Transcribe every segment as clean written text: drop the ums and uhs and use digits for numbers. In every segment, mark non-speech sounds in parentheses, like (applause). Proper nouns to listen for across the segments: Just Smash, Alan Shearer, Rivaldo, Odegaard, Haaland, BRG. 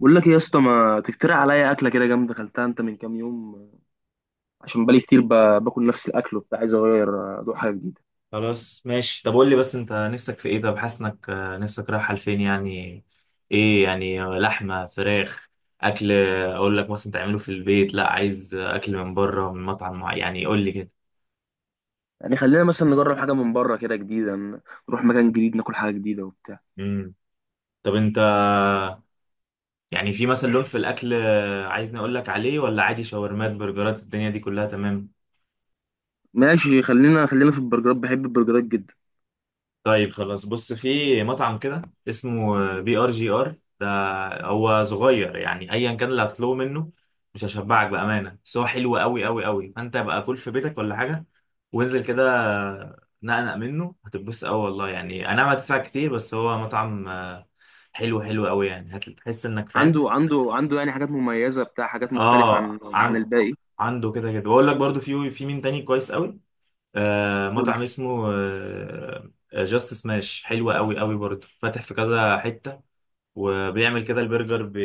بقول لك ايه يا اسطى؟ ما تقترح عليا اكله كده جامده اكلتها انت من كام يوم؟ عشان بقالي كتير باكل نفس الاكل وبتاع، عايز اغير، ادوق حاجه جديده. خلاص ماشي. طب قول لي بس انت نفسك في ايه؟ طب حاسس انك نفسك رايحه لفين يعني؟ ايه يعني؟ لحمه؟ فراخ؟ اكل اقول لك مثلا تعمله في البيت، لا عايز اكل من بره من مطعم معين؟ يعني قول لي كده. يعني خلينا مثلا نجرب حاجه من بره كده جديده، نروح مكان جديد ناكل حاجه جديده وبتاع. امم. طب انت، يعني في مثلا لون في الاكل عايزني اقول لك عليه، ولا عادي شاورمات برجرات الدنيا دي كلها تمام؟ ماشي، خلينا في البرجرات، بحب البرجرات جدا. طيب خلاص. بص في مطعم كده اسمه BRGR، ده هو صغير، يعني ايا كان اللي هتطلبه منه مش هشبعك بامانه، بس هو حلو قوي قوي قوي. فانت بقى كل في بيتك ولا حاجه، وانزل كده نقنق منه، هتتبسط قوي والله. يعني انا ما هتدفع كتير بس هو مطعم حلو، حلو قوي، يعني هتحس انك فاهم. عنده يعني حاجات مميزه بتاع، حاجات مختلفه عن اه، عن الباقي. عنده كده كده، واقول لك برضو في مين تاني كويس قوي. قول. مطعم اسمه جاست سماش، حلو قوي قوي برضه، فاتح في كذا حتة. وبيعمل كده البرجر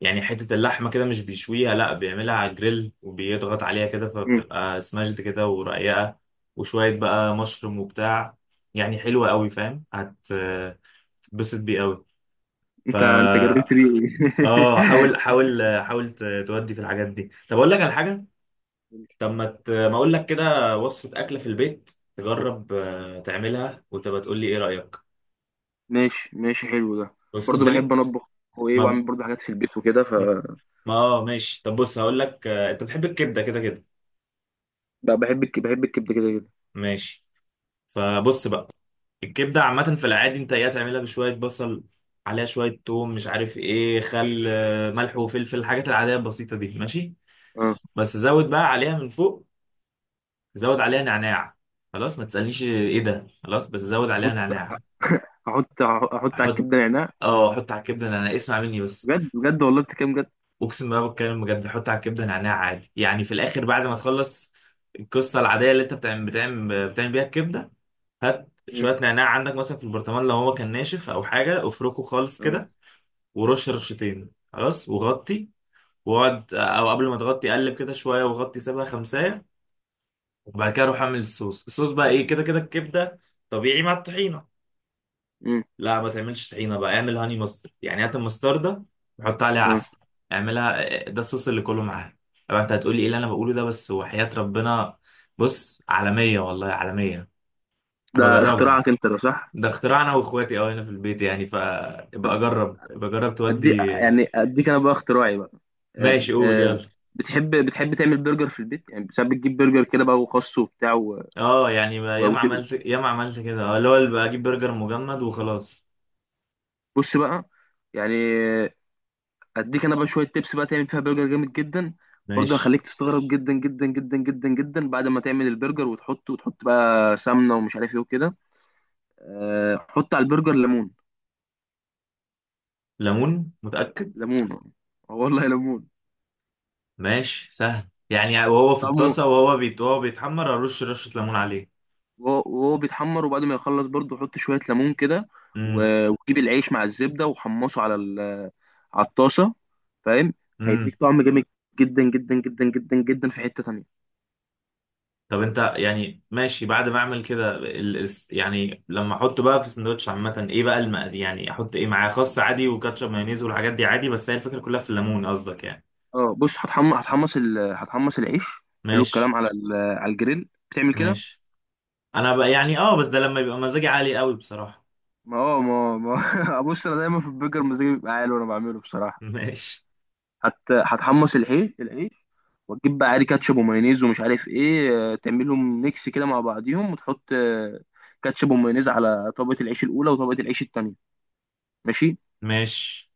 يعني حتة اللحمة كده مش بيشويها، لا بيعملها على الجريل وبيضغط عليها كده، مم. فبتبقى سماشد كده ورقيقة. وشوية بقى مشروم وبتاع، يعني حلوة قوي، فاهم؟ هتتبسط بيه قوي. انت فا جريت لي (laughs) اه، حاول حاول حاول تودي في الحاجات دي. طب اقول لك على حاجة. طب ما اقول لك كده وصفة أكلة في البيت، تجرب تعملها وتبقى تقول لي ايه رأيك. ماشي، حلو ده. بص برضه انت بحب ليك. انا اطبخ وايه، ما واعمل برضه حاجات في البيت وكده ف. ما آه، ماشي. طب بص، هقول لك انت بتحب الكبدة كده كده. بحب الكبده كده كده. ماشي. فبص بقى. الكبدة عامة في العادي، انت ايه؟ تعملها بشوية بصل عليها شوية توم مش عارف ايه، خل آه، ملح وفلفل، الحاجات العادية البسيطة دي، ماشي. آه. بس زود بقى عليها من فوق، زود عليها نعناع. خلاص، ما تسألنيش ايه ده، خلاص بس زود عليها احط، نعناع. احط على حط، الكبده نعناع. اه، حط على الكبدة نعناع، اسمع مني بس. بجد بجد والله بتتكلم بجد. اقسم بالله بتكلم بجد. حط على الكبده نعناع عادي يعني، في الاخر بعد ما آه. تخلص القصه العاديه اللي انت بتعمل بيها الكبده، هات مم. شويه نعناع عندك مثلا في البرطمان، لو هو كان ناشف او حاجه افركه خالص آه. كده، ورش رشتين، خلاص وغطي. واقعد، او قبل ما تغطي قلب كده شويه وغطي سيبها خمسايه. وبعد كده روح اعمل الصوص. الصوص بقى ايه؟ كده كده الكبده طبيعي مع الطحينه، مم. لا ما تعملش طحينه بقى، اعمل هاني ماسترد، يعني هات المستردة وحط عليها آه. عسل. اعملها، ده الصوص اللي كله معاها. طبعا انت هتقولي ايه اللي انا بقوله ده، بس وحياة ربنا، بص، عالمية والله، عالمية. ده بجربها. اختراعك انت ده، صح؟ ده اختراع انا واخواتي، اه، هنا في البيت يعني، طب فابقى اجرب ابقى اجرب ادي تودي. يعني، اديك انا بقى اختراعي بقى. آه. ماشي قول آه. يلا. بتحب تعمل برجر في البيت؟ يعني ساعات بتجيب برجر كده بقى وخس وبتاع و... اه يعني و... ياما وت- عملت ياما عملت كده، اه، اللي هو اللي بجيب برجر مجمد وخلاص. بص بقى، يعني اديك انا بقى شويه تبس بقى تعمل فيها برجر جامد جدا. برضه ماشي. هخليك تستغرب جدا جدا جدا جدا جدا. بعد ما تعمل البرجر وتحطه وتحط بقى سمنه ومش عارف ايه وكده، حط على البرجر ليمون. ليمون؟ متأكد؟ ليمون؟ اه والله ليمون. ماشي، سهل يعني، وهو في طعمه، الطاسه وهو بيت وهو بيتحمر، ارش رشه ليمون عليه. وهو بيتحمر، وبعد ما يخلص برضه حط شوية ليمون كده. امم. وجيب العيش مع الزبدة وحمصه على الطاسة، فاهم؟ امم. هيديك طعم جامد جدا جدا جدا جدا جدا. في حتة تانية، طب انت يعني ماشي، بعد ما اعمل كده يعني لما احطه بقى في سندوتش، عامه ايه بقى المقادير؟ يعني احط ايه معاه؟ خس عادي، وكاتشب، مايونيز، والحاجات دي عادي. بس هي الفكره كلها في الليمون قصدك يعني؟ اه بص، هتحمص، هتحمص العيش. حلو، ماشي. الكلام على الجريل بتعمل كده. ماشي. انا بقى يعني، اه، بس ده لما يبقى مزاجي عالي قوي بصراحه. ما اه ما ما (laughs) بص انا دايما في البرجر مزاجي بيبقى عالي وانا بعمله (laughs) بصراحة. ماشي. هتحمص العيش العيش، وتجيب بقى عادي كاتشب ومايونيز ومش عارف ايه، تعملهم ميكس كده مع بعضيهم، وتحط كاتشب ومايونيز على طبقة العيش الأولى وطبقة العيش التانية. ماشي. ماشي،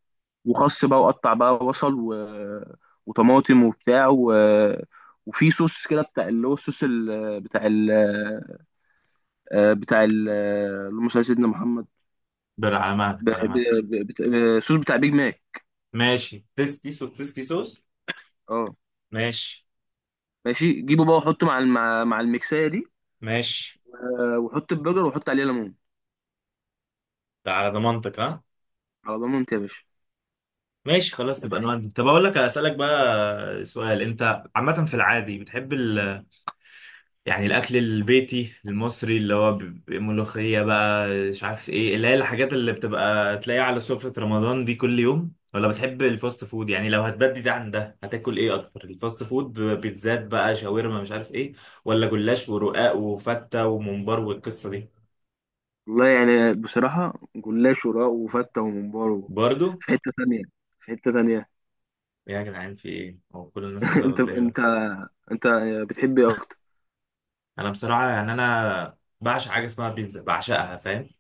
وخس بقى وقطع بقى بصل و... وطماطم وبتاع و... وفي صوص كده بتاع، اللي هو الصوص ال... بتاع ال... آه، بتاع ال... آه، اللهم صل على سيدنا محمد. على مهلك، ب... على ب... مهلك. ب... بت... آه، صوص بتاع بيج ماك. ماشي، تيستي صوص، تيستي صوص. اه. ماشي. ماشي، جيبه بقى وحطه مع مع الميكسايه دي. ماشي. وحط البرجر وحط عليه ليمون. ده على ضمانتك، ها؟ على ضمانتي يا باشا. ماشي خلاص، نبقى نودي. طب اقول لك، اسالك بقى سؤال، انت عامه في العادي بتحب يعني الاكل البيتي المصري اللي هو ملوخيه بقى، مش عارف ايه، اللي هي الحاجات اللي بتبقى تلاقيها على سفره رمضان دي كل يوم، ولا بتحب الفاست فود؟ يعني لو هتبدي ده عن ده، هتاكل ايه اكتر الفاست فود؟ بيتزات بقى، شاورما، مش عارف ايه، ولا جلاش ورقاق وفته وممبار والقصه دي؟ والله يعني بصراحة، جلاش وراء وفتة وممبار، برضو في حتة تانية، في حتة تانية. إيه يا جدعان، في ايه؟ هو كل الناس (laughs) كده انت ولا ايه؟ انت انت بتحب ايه اكتر؟ انا بصراحه يعني، انا بعشق حاجه اسمها بيتزا، بعشقها فاهم.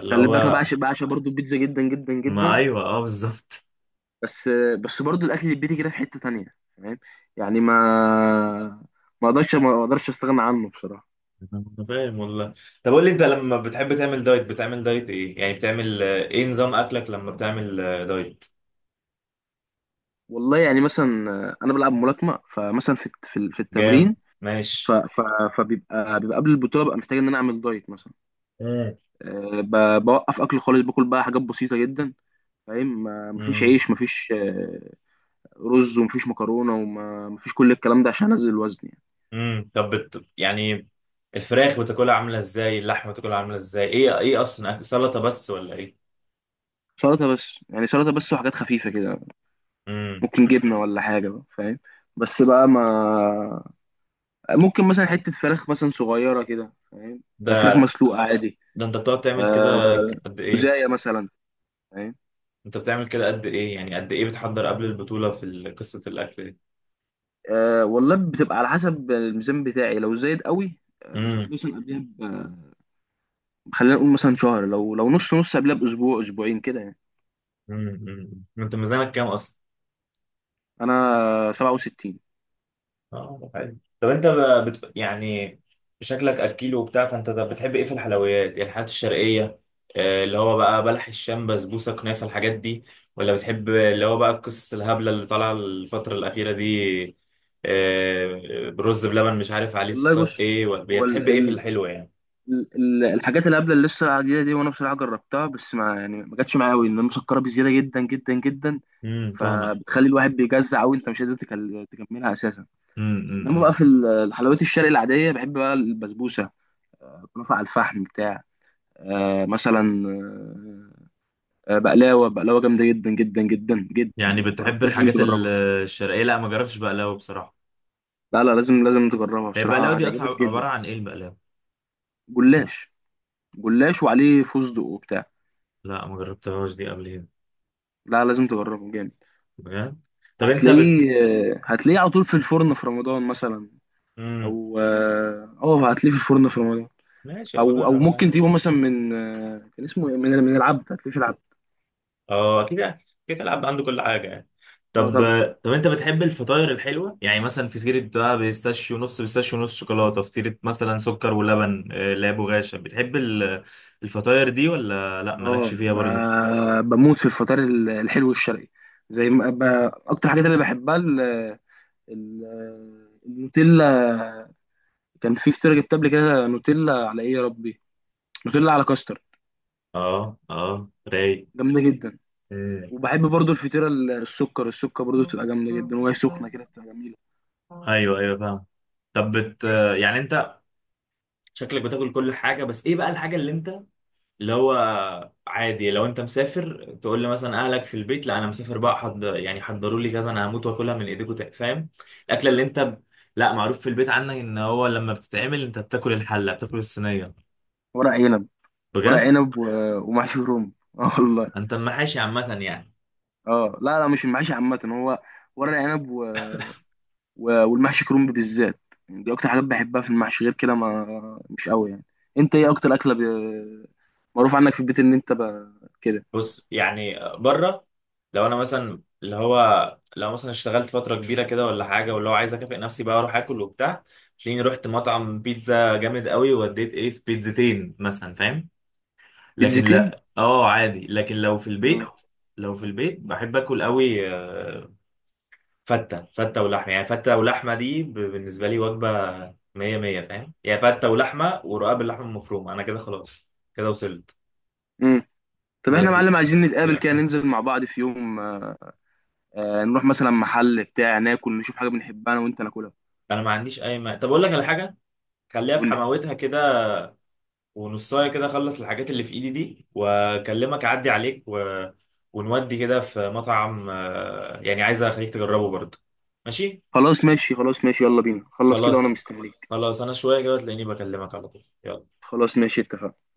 اللي خلي بالك، انا هو، بعشق، بعشق برضو البيتزا جدا جدا ما جدا. ايوه، اه بالظبط. بس بس برضو الاكل البيتي كده في حتة تانية، فاهم؟ يعني ما اقدرش استغنى عنه بصراحة. (laughs) أنا فاهم والله. طب قول لي، انت لما بتحب تعمل دايت بتعمل دايت ايه يعني؟ بتعمل ايه نظام اكلك لما بتعمل دايت؟ والله يعني مثلا، انا بلعب ملاكمة، فمثلا في في جام، التمرين. ف ماشي. ف فبيبقى، بيبقى قبل البطولة ببقى محتاج ان انا اعمل دايت مثلا. امم. بوقف اكل خالص، باكل بقى حاجات بسيطه جدا، فاهم؟ مفيش امم. عيش، مفيش رز، ومفيش مكرونه، ومفيش كل الكلام ده، عشان انزل الوزن يعني. طب يعني، الفراخ بتاكلها عامله ازاي؟ اللحمه بتاكلها عامله ازاي؟ ايه اصلا أكل؟ سلطه بس، ولا ايه؟ سلطه بس يعني، سلطه بس وحاجات خفيفه كده. امم، ممكن جبنه ولا حاجه بقى، فاهم؟ بس بقى ما ممكن مثلا حته فراخ مثلا صغيره كده، فاهم؟ فراخ ده، مسلوقه عادي. ده انت بتقعد تعمل كده آه، قد ايه؟ مزايا مثلا، فاهم. انت بتعمل كده قد ايه يعني؟ قد ايه بتحضر قبل البطولة في قصة الاكل دي؟ أه والله بتبقى على حسب الميزان بتاعي، لو زايد قوي آه، امم. مثلا قبلها. خلينا نقول مثلا شهر، لو نص قبلها باسبوع، اسبوعين كده يعني. امم. انت ميزانك كام اصلا؟ انا 67. اه حلو. طب انت يعني شكلك اكيل وبتاع، فانت ده بتحب ايه في الحلويات؟ يعني الحلويات الشرقية، اللي هو بقى بلح الشام، بسبوسة، كنافة، الحاجات دي، ولا بتحب اللي هو بقى القصص الهبلة اللي طالعة الفترة الأخيرة دي، برز بلبن مش عارف عليه والله صوصات بص، ايه، هو بتحب ايه في الحلوة يعني؟ الحاجات اللي قبل، اللي لسه العاديه دي، وانا بصراحه جربتها بس، ما يعني، ما جاتش معايا قوي، ان انا مسكره بزياده جدا جدا جدا. فاهمك. فبتخلي الواحد بيجزع قوي، انت مش قادر تكملها اساسا. امم، انما بقى امم. في الحلويات الشرقي العاديه، بحب بقى البسبوسه، كنافه على الفحم بتاع. آه مثلا، بقلاوه، بقلاوه جامده جدا جدا جدا جدا، يعني لو ما بتحب جربتهاش لازم الحاجات تجربها. الشرقية. لا ما جربتش بقلاوة بصراحة. لا لازم تجربها هي البقلاوة بصراحة، دي أصلا هتعجبك عبارة جدا. عن إيه البقلاوة؟ جلاش، جلاش وعليه فستق وبتاع. لا ما جربتهاش دي قبل هنا. لا لازم تجربه، جامد. بجد؟ طب أنت هتلاقيه على طول في الفرن في رمضان مثلا. مم. او اه أه، هتلاقيه في الفرن في رمضان. ماشي أبقى او او أجرب ممكن عادي. تجيبه مثلا من، كان اسمه إيه؟ من من العبد، هتلاقيه في العبد. أه أكيد يعني، كده كده العبد عنده كل حاجة يعني. اه طب طبعا. طب أنت بتحب الفطاير الحلوة؟ يعني مثلا فطيرة بقى بيستاشيو، نص بيستاشيو نص شوكولاتة، فطيرة مثلا سكر ولبن، لا بغاشة، بتحب الفطاير دي، ولا لا، اه مالكش فيها برضه؟ بموت في الفطار الحلو الشرقي، زي ما ب... اكتر حاجات اللي بحبها ال... النوتيلا. كان في فطيرة جبت قبل كده نوتيلا على، ايه يا ربي، نوتيلا على كاستر، أه أه، رايق. جامده جدا. وبحب برضو الفطيره السكر، السكر برضو بتبقى جامده جدا، وهي مم. سخنه كده بتبقى جميله. ايوه ايوه، فاهم. طب يعني انت، شكلك بتاكل كل حاجه، بس ايه بقى الحاجه اللي انت، اللي هو، عادي لو انت مسافر تقول لي مثلا اهلك في البيت، لا انا مسافر بقى، يعني حضروا لي كذا، انا هموت واكلها من ايديكم، فاهم. الاكله اللي انت لا، معروف في البيت عنك ان هو لما بتتعمل انت بتاكل الحله، بتاكل الصينيه. ورق عنب، ورق بجد؟ عنب و... ومحشي كروم (laughs) اه والله. انت محاشي عامه يعني؟ اه لا لا، مش المحشي عامه هو، ورق عنب و... و... والمحشي كرومب بالذات، يعني دي اكتر حاجات بحبها في المحشي، غير كده ما مش قوي يعني. انت ايه اكتر اكله معروف عنك في البيت ان انت كده؟ بص، يعني بره، لو انا مثلا اللي هو لو مثلا اشتغلت فتره كبيره كده ولا حاجه، واللي هو عايز اكافئ نفسي بقى اروح اكل وبتاع، تلاقيني رحت مطعم بيتزا جامد قوي، وديت ايه في بيتزتين مثلا فاهم. لكن بيتزيتين. لا، اه عادي، لكن لو في البيت، لو في البيت بحب اكل قوي، فته ولحمه، يعني فته ولحمه دي بالنسبه لي وجبه مية مية فاهم. يعني فته ولحمه ورقاب اللحمه المفرومه، انا كده خلاص، كده وصلت. امم. طب احنا بس يا دي، معلم عايزين دي نتقابل كده، اكتر. ننزل مع بعض في يوم، آه نروح مثلا محل بتاع، ناكل نشوف حاجه بنحبها انا وانت ناكلها. انا ما عنديش اي ما طب اقول لك على حاجه. خليها في قول لي. حماوتها كده، ونصايه كده اخلص الحاجات اللي في ايدي دي واكلمك اعدي عليك ونودي كده في مطعم يعني عايز اخليك تجربه برضه. ماشي. خلاص ماشي، خلاص ماشي، يلا بينا، خلص كده خلاص. وانا مستنيك. خلاص انا شويه كده تلاقيني بكلمك على طول، يلا. خلاص ماشي، اتفقنا.